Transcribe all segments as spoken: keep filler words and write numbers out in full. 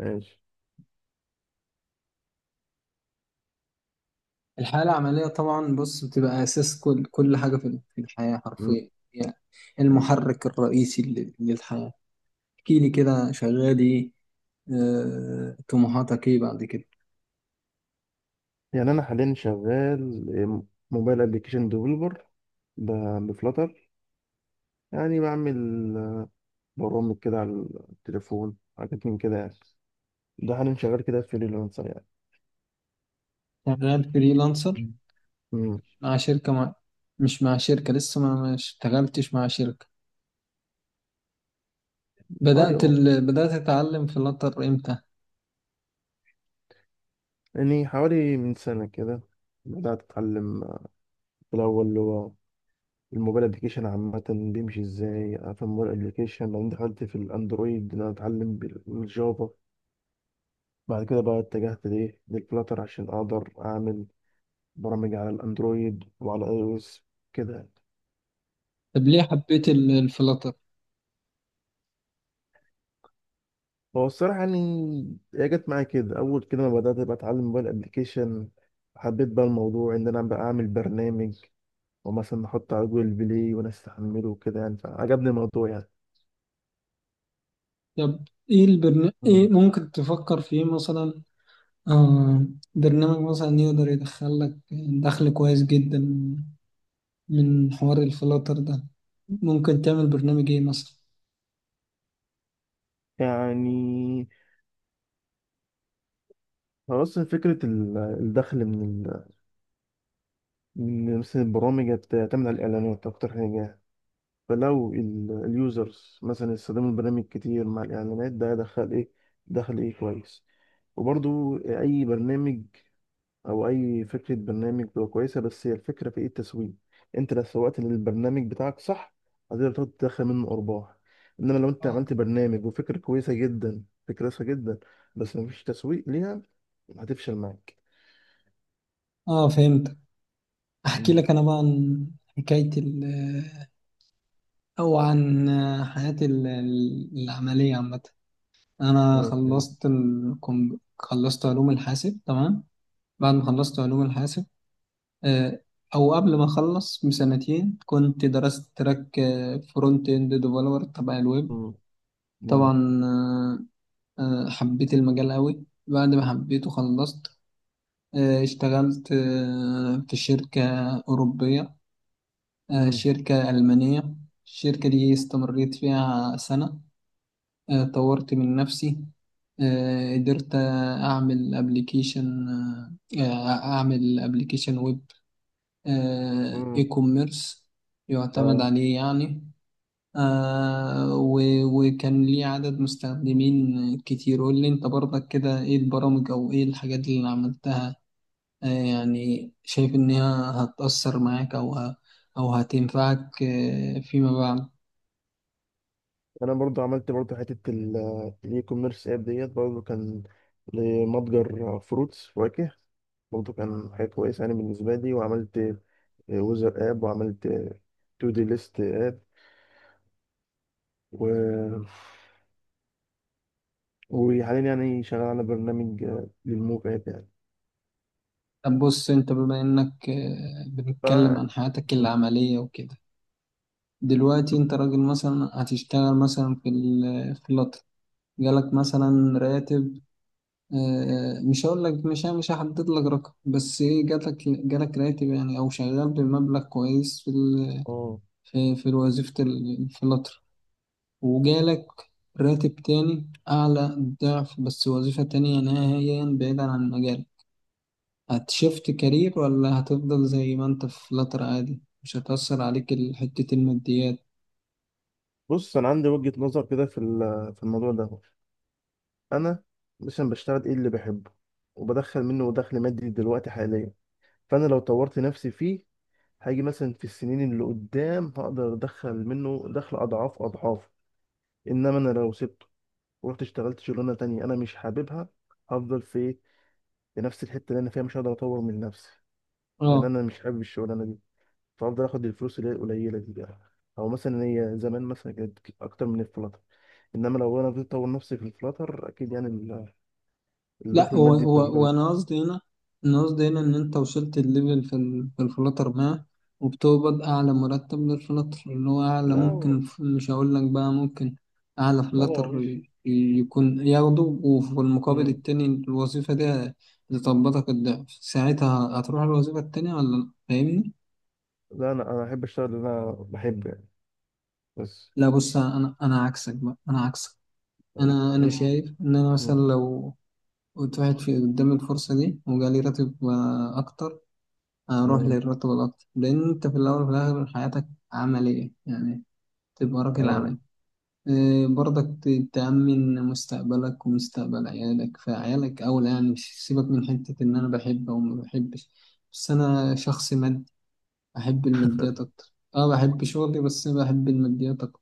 ماشي. الحياة العملية طبعا، بص بتبقى أساس كل كل حاجة في في الحياة م- حرفيا يعني. أيوة. المحرك الرئيسي لل- للحياة. احكي لي كده شغال ايه؟ آه، طموحاتك ايه بعد كده؟ يعني انا حاليا شغال موبايل ابلكيشن ديفلوبر بفلاتر، يعني بعمل برامج كده على التليفون، حاجات من كده يعني. ده حاليا شغال كده فريلانسر يعني. شغال فريلانسر مم. امم مع شركة مع... مش مع شركة لسه، ما ما اشتغلتش مع شركة. بدأت ايوه، ال... بدأت أتعلم فلاتر امتى؟ يعني حوالي من سنة كده بدأت أتعلم. في الأول اللي هو الموبايل ابلكيشن عامة بيمشي ازاي في الموبايل ابلكيشن، بعدين دخلت في الأندرويد إن أنا أتعلم بالجافا. بعد كده بقى اتجهت لإيه للفلاتر عشان أقدر أعمل برامج على الاندرويد وعلى اي او اس كده. طب ليه حبيت ال- الفلاتر؟ هو الصراحه يعني، هي جت معايا كده اول كده ما بدات بقى اتعلم موبايل ابلكيشن، حبيت بقى الموضوع ان انا بقى اعمل برنامج ومثلا نحطه على جوجل بلاي وناس تحمله وكده يعني، فعجبني الموضوع يعني. طب ايه البرن... ايه مم. ممكن تفكر فيه مثلا؟ آه، برنامج مثلا يقدر يدخل لك دخل كويس جدا من حوار الفلاتر ده، ممكن تعمل برنامج ايه مثلا؟ يعني هو اصلا فكره ال- الدخل من ال- من مثلا البرامج بتعتمد على الاعلانات اكتر حاجه. فلو ال- اليوزرز مثلا استخدموا البرنامج كتير مع الاعلانات ده دخل ايه، دخل ايه كويس. وبرضو اي برنامج او اي فكره برنامج بتبقى كويسه، بس هي الفكره في ايه؟ التسويق. انت لو سوقت للبرنامج بتاعك صح هتقدر تقعد تدخل منه ارباح. انما لو انت اه، عملت برنامج وفكره كويسه جدا، فكره كويسه جدا، بس مفيش تسويق ليها هتفشل معاك. آه، فهمت. احكي مم. لك انا بقى عن حكاية ال او عن حياتي ال- ال- العملية عامة. انا ماشي. خلصت الكم... خلصت علوم الحاسب تمام. بعد ما خلصت علوم الحاسب، آه، او قبل ما اخلص بسنتين، كنت درست تراك فرونت اند ديفلوبر تبع الويب. مم. مم. طبعا، آه، آه، حبيت المجال قوي. بعد ما حبيته خلصت، آه، اشتغلت آه، في شركة أوروبية، آه، مم. شركة ألمانية. الشركة دي استمريت فيها سنة، آه، طورت من نفسي، آه، قدرت أعمل أبليكيشن، أعمل أبليكيشن ويب إي مم. كوميرس يعتمد اه. عليه يعني. آه و- وكان ليه عدد مستخدمين كتير. قول لي انت برضك كده، ايه البرامج او ايه الحاجات اللي عملتها؟ آه، يعني شايف انها هتأثر معاك او ه- او هتنفعك آه فيما بعد. انا برضو عملت برضو حته ال- الاي كوميرس اب ديت، برضو كان لمتجر فروتس فواكه، برضه كان حاجة كويسة يعني بالنسبة لي. وعملت ويزر اب، وعملت تو دي ليست اب، و... وحاليا يعني شغال على برنامج آه، للموف اب يعني. طب بص، انت بما انك آه بنتكلم فانا. عن حياتك العملية وكده، دلوقتي انت راجل مثلا هتشتغل مثلا في ال- في اللطل، جالك مثلا راتب، آه، مش هقول لك، مش يعني مش هحدد لك رقم، بس ايه، جالك جالك راتب يعني، او شغال بمبلغ كويس في ال... اه. في, في وظيفة ال- في القطر، وجالك راتب تاني اعلى، ضعف، بس وظيفة تانية نهائيا بعيدا عن مجالك. هتشفت كارير ولا هتفضل زي ما انت في القطر عادي، مش هتأثر عليك ال- حتة الماديات؟ بص، انا عندي وجهة نظر كده في ال- في الموضوع ده. انا مثلا بشتغل ايه اللي بحبه وبدخل منه دخل مادي دلوقتي حاليا. فانا لو طورت نفسي فيه هاجي مثلا في السنين اللي قدام هقدر ادخل منه دخل اضعاف اضعاف. انما انا لو سبته ورحت اشتغلت شغلانه تانية انا مش حاببها، هفضل في إيه؟ لنفس الحته اللي انا فيها مش هقدر اطور من نفسي، لان اه. انا مش حابب الشغلانه دي. فافضل اخد الفلوس اللي هي القليله دي بقى، او مثلا هي زمان مثلا كانت اكتر من الفلاتر. انما لو انا فضلت اطور نفسي في الفلاتر اكيد يعني ال- لا، الدخل هو المادي هو بتاع هو الفلاتر. انا قصدي هنا، انا قصدي هنا ان انت وصلت الليفل في ال- في الفلاتر ما، وبتقبض اعلى مرتب للفلاتر اللي هو اعلى لا ممكن. هو- ف- مش هقول لك بقى ممكن اعلى لا هو فلاتر مش. ي- يكون ياخده، وفي المقابل مم. التاني الوظيفة دي هتطبطك الضعف. ساعتها هتروح الوظيفة التانية ولا لا؟ فاهمني؟ لا انا انا احب اشتغل اللي انا بحبه يعني، بس. لا بص، انا انا عكسك بقى، انا عكسك. مم. انا انا مم. شايف ان انا مثلا لو كنت واحد في قدام الفرصة دي، وجالي راتب آه، اكتر، اروح مم. للراتب الاكتر. لان انت في الاول وفي الاخر حياتك عمليه يعني، تبقى راجل اه. عملي. إيه، برضك ت- تأمن مستقبلك ومستقبل عيالك، فعيالك أولى يعني. مش سيبك من حتة إن أنا بحب أو ما بحبش، بس أنا شخص مادي، أحب الماديات أكتر. أه بحب شغلي بس بحب الماديات أكتر.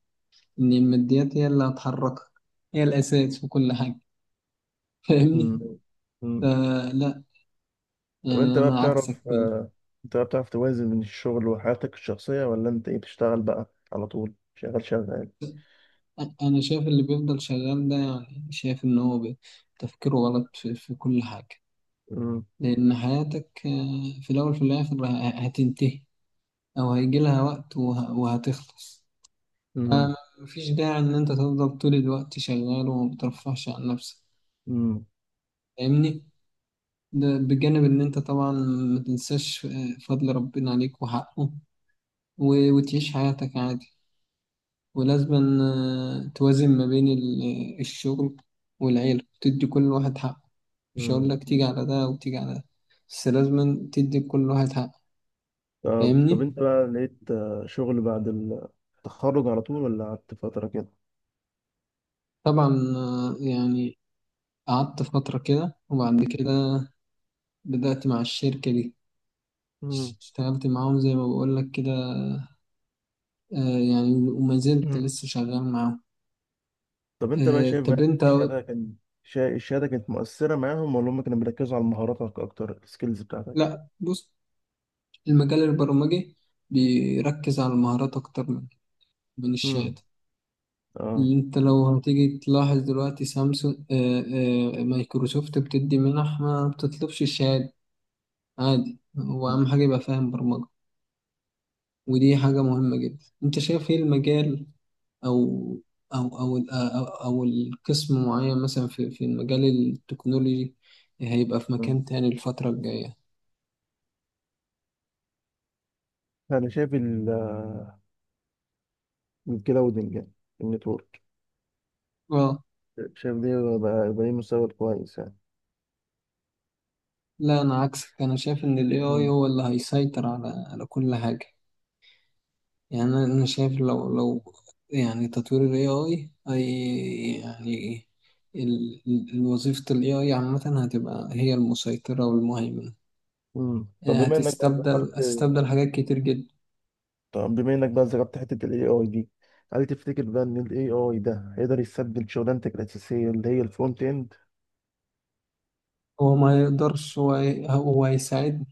إن الماديات هي اللي هتحركك، هي الأساس في كل حاجة. مم. فاهمني؟ مم. فلا، طب يعني انت بقى أنا عكسك. بتعرف آه، انت بقى بتعرف توازن بين الشغل وحياتك الشخصيه، ولا انت ايه بتشتغل بقى على طول شغال شغال؟ أنا شايف اللي بيفضل شغال ده يعني، شايف إن هو بي- تفكيره غلط في, في كل حاجة. مم. لأن حياتك آه، في الأول في الآخر ه- هتنتهي، أو هيجي لها وقت وه- وهتخلص. مم. آه، مفيش داعي إن أنت تفضل طول الوقت شغال وما بترفهش عن نفسك. مم. فاهمني؟ ده بجانب إن أنت طبعا ما تنساش آه، فضل ربنا عليك وحقه، و- وتعيش حياتك عادي. ولازم توازن ما بين ال- آه، الشغل والعيلة، تدي كل واحد حقه. مش هقول مم. لك تيجي على ده وتيجي على ده، بس لازم تدي كل واحد حقه. طب طب فاهمني؟ انت بقى لقيت آه، شغل بعد التخرج على طول ولا قعدت فترة كده؟ طبعا، آه، يعني قعدت فترة كده، وبعد كده بدأت مع الشركة دي، مم. اشتغلت معاهم زي ما بقول لك كده، آه، يعني وما زلت مم. لسه شغال معاهم. طب انت بقى آه، شايف طب بقى انت، الشهادة كان شا- الشهادة كانت مؤثرة معاهم ولا هم كانوا بيركزوا على مهاراتك أكتر، السكيلز بتاعتك؟ لا بص، المجال البرمجي بيركز على المهارات اكتر من من مم. الشهادة. اه. انت لو هتيجي تلاحظ دلوقتي سامسونج، آه، آه، مايكروسوفت بتدي منح ما بتطلبش الشهادة. عادي، هو أهم حاجة يبقى فاهم برمجة، ودي حاجة مهمة جدا. انت شايف ايه المجال او او او ال- او, أو القسم معين مثلا في, في المجال التكنولوجي هيبقى في مم. مكان تاني الفترة الجاية؟ أنا شايف ال- الكلاودنج يعني، النتورك، اه. شايف دي بقى, بقى ليه مستقبل كويس يعني. لا انا عكسك، انا شايف ان الاي اي مم. هو اللي هيسيطر على على كل حاجة. يعني انا أنا شايف لو مم. لو يعني تطوير ال ايه آي اي اي يعني، ال- ال- وظيفة ال ايه آي عامة هتبقى هي المسيطرة والمهيمنة. مم. طب يعني بما إنك بقى ذكرت هتستبدل هتستبدل حاجات كتير جدا. طب بما انك بقى ذكرت حته الاي اي دي، هل تفتكر بقى ان الاي اي ده هيقدر يستبدل شغلانتك الاساسيه اللي هي الفرونت اند؟ هو ما يقدرش، هو هي- هو هيساعد.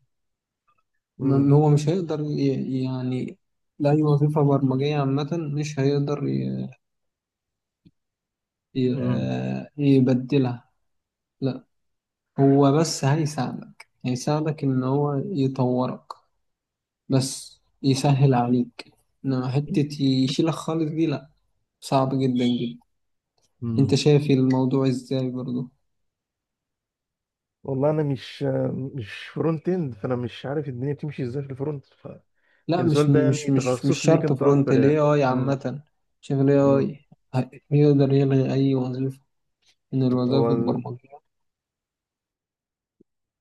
م- امم هو مش هيقدر ي- يعني لأي وظيفة برمجية عامة مش هيقدر ي- امم ي- يبدلها، لا. هو بس هيساعدك، هيساعدك إن هو يطورك، بس يسهل عليك. انما حتة يشيلك خالص دي لا، صعب جدا جدا. انت امم شايف الموضوع ازاي برضو؟ والله انا مش مش فرونت اند، فانا مش عارف الدنيا بتمشي ازاي في الفرونت لا فكان مش السؤال ده مش يعني مش مش تخصص ليك شرط انت فرونت، اكتر ال يعني. ايه آي امم عامة. شايف ال امم ايه آي ه- يقدر يلغي أي وظيفة من هو الوظائف ال- البرمجية.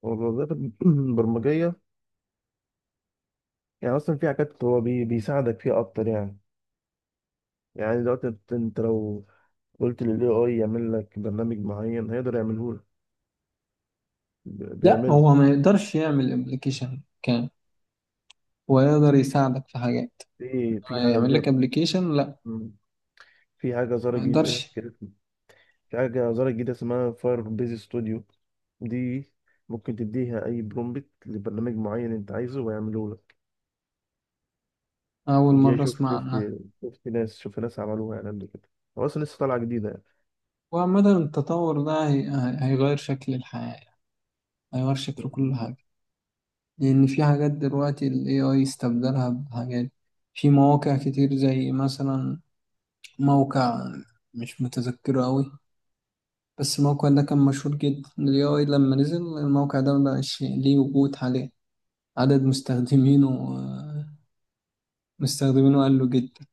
هو الوظائف البرمجيه، يعني اصلا في حاجات هو بي بيساعدك فيها اكتر يعني. يعني دلوقتي انت أنت لو قلت للاي اي يعمل لك برنامج معين هيقدر يعمله لك، لا بيعمله هو ما يقدرش يعمل ابلكيشن كامل، هو يقدر يساعدك في حاجات. في في يعمل حاجة. لك ابلكيشن لا، في حاجة ظاهرة ما جديدة يقدرش. كده في حاجة ظاهرة جديدة اسمها فاير بيز ستوديو. دي ممكن تديها أي برومبت لبرنامج معين أنت عايزه ويعمله لك. أول دي مرة شفت أسمع شفت عنها. شفت ناس شفت ناس عملوها يعني قبل كده، هو أصلا لسه طالعة جديدة وعامة التطور ده هي- هي- هيغير شكل الحياة، هيغير شكل كل يعني. حاجة. لأن في حاجات دلوقتي ال ايه آي استبدلها بحاجات، في مواقع كتير، زي مثلا موقع مش متذكره أوي، بس الموقع ده كان مشهور جدا. ال ايه آي لما نزل، الموقع ده مبقاش ليه وجود. عليه عدد مستخدمينه، آه، مستخدمينه قل جدا.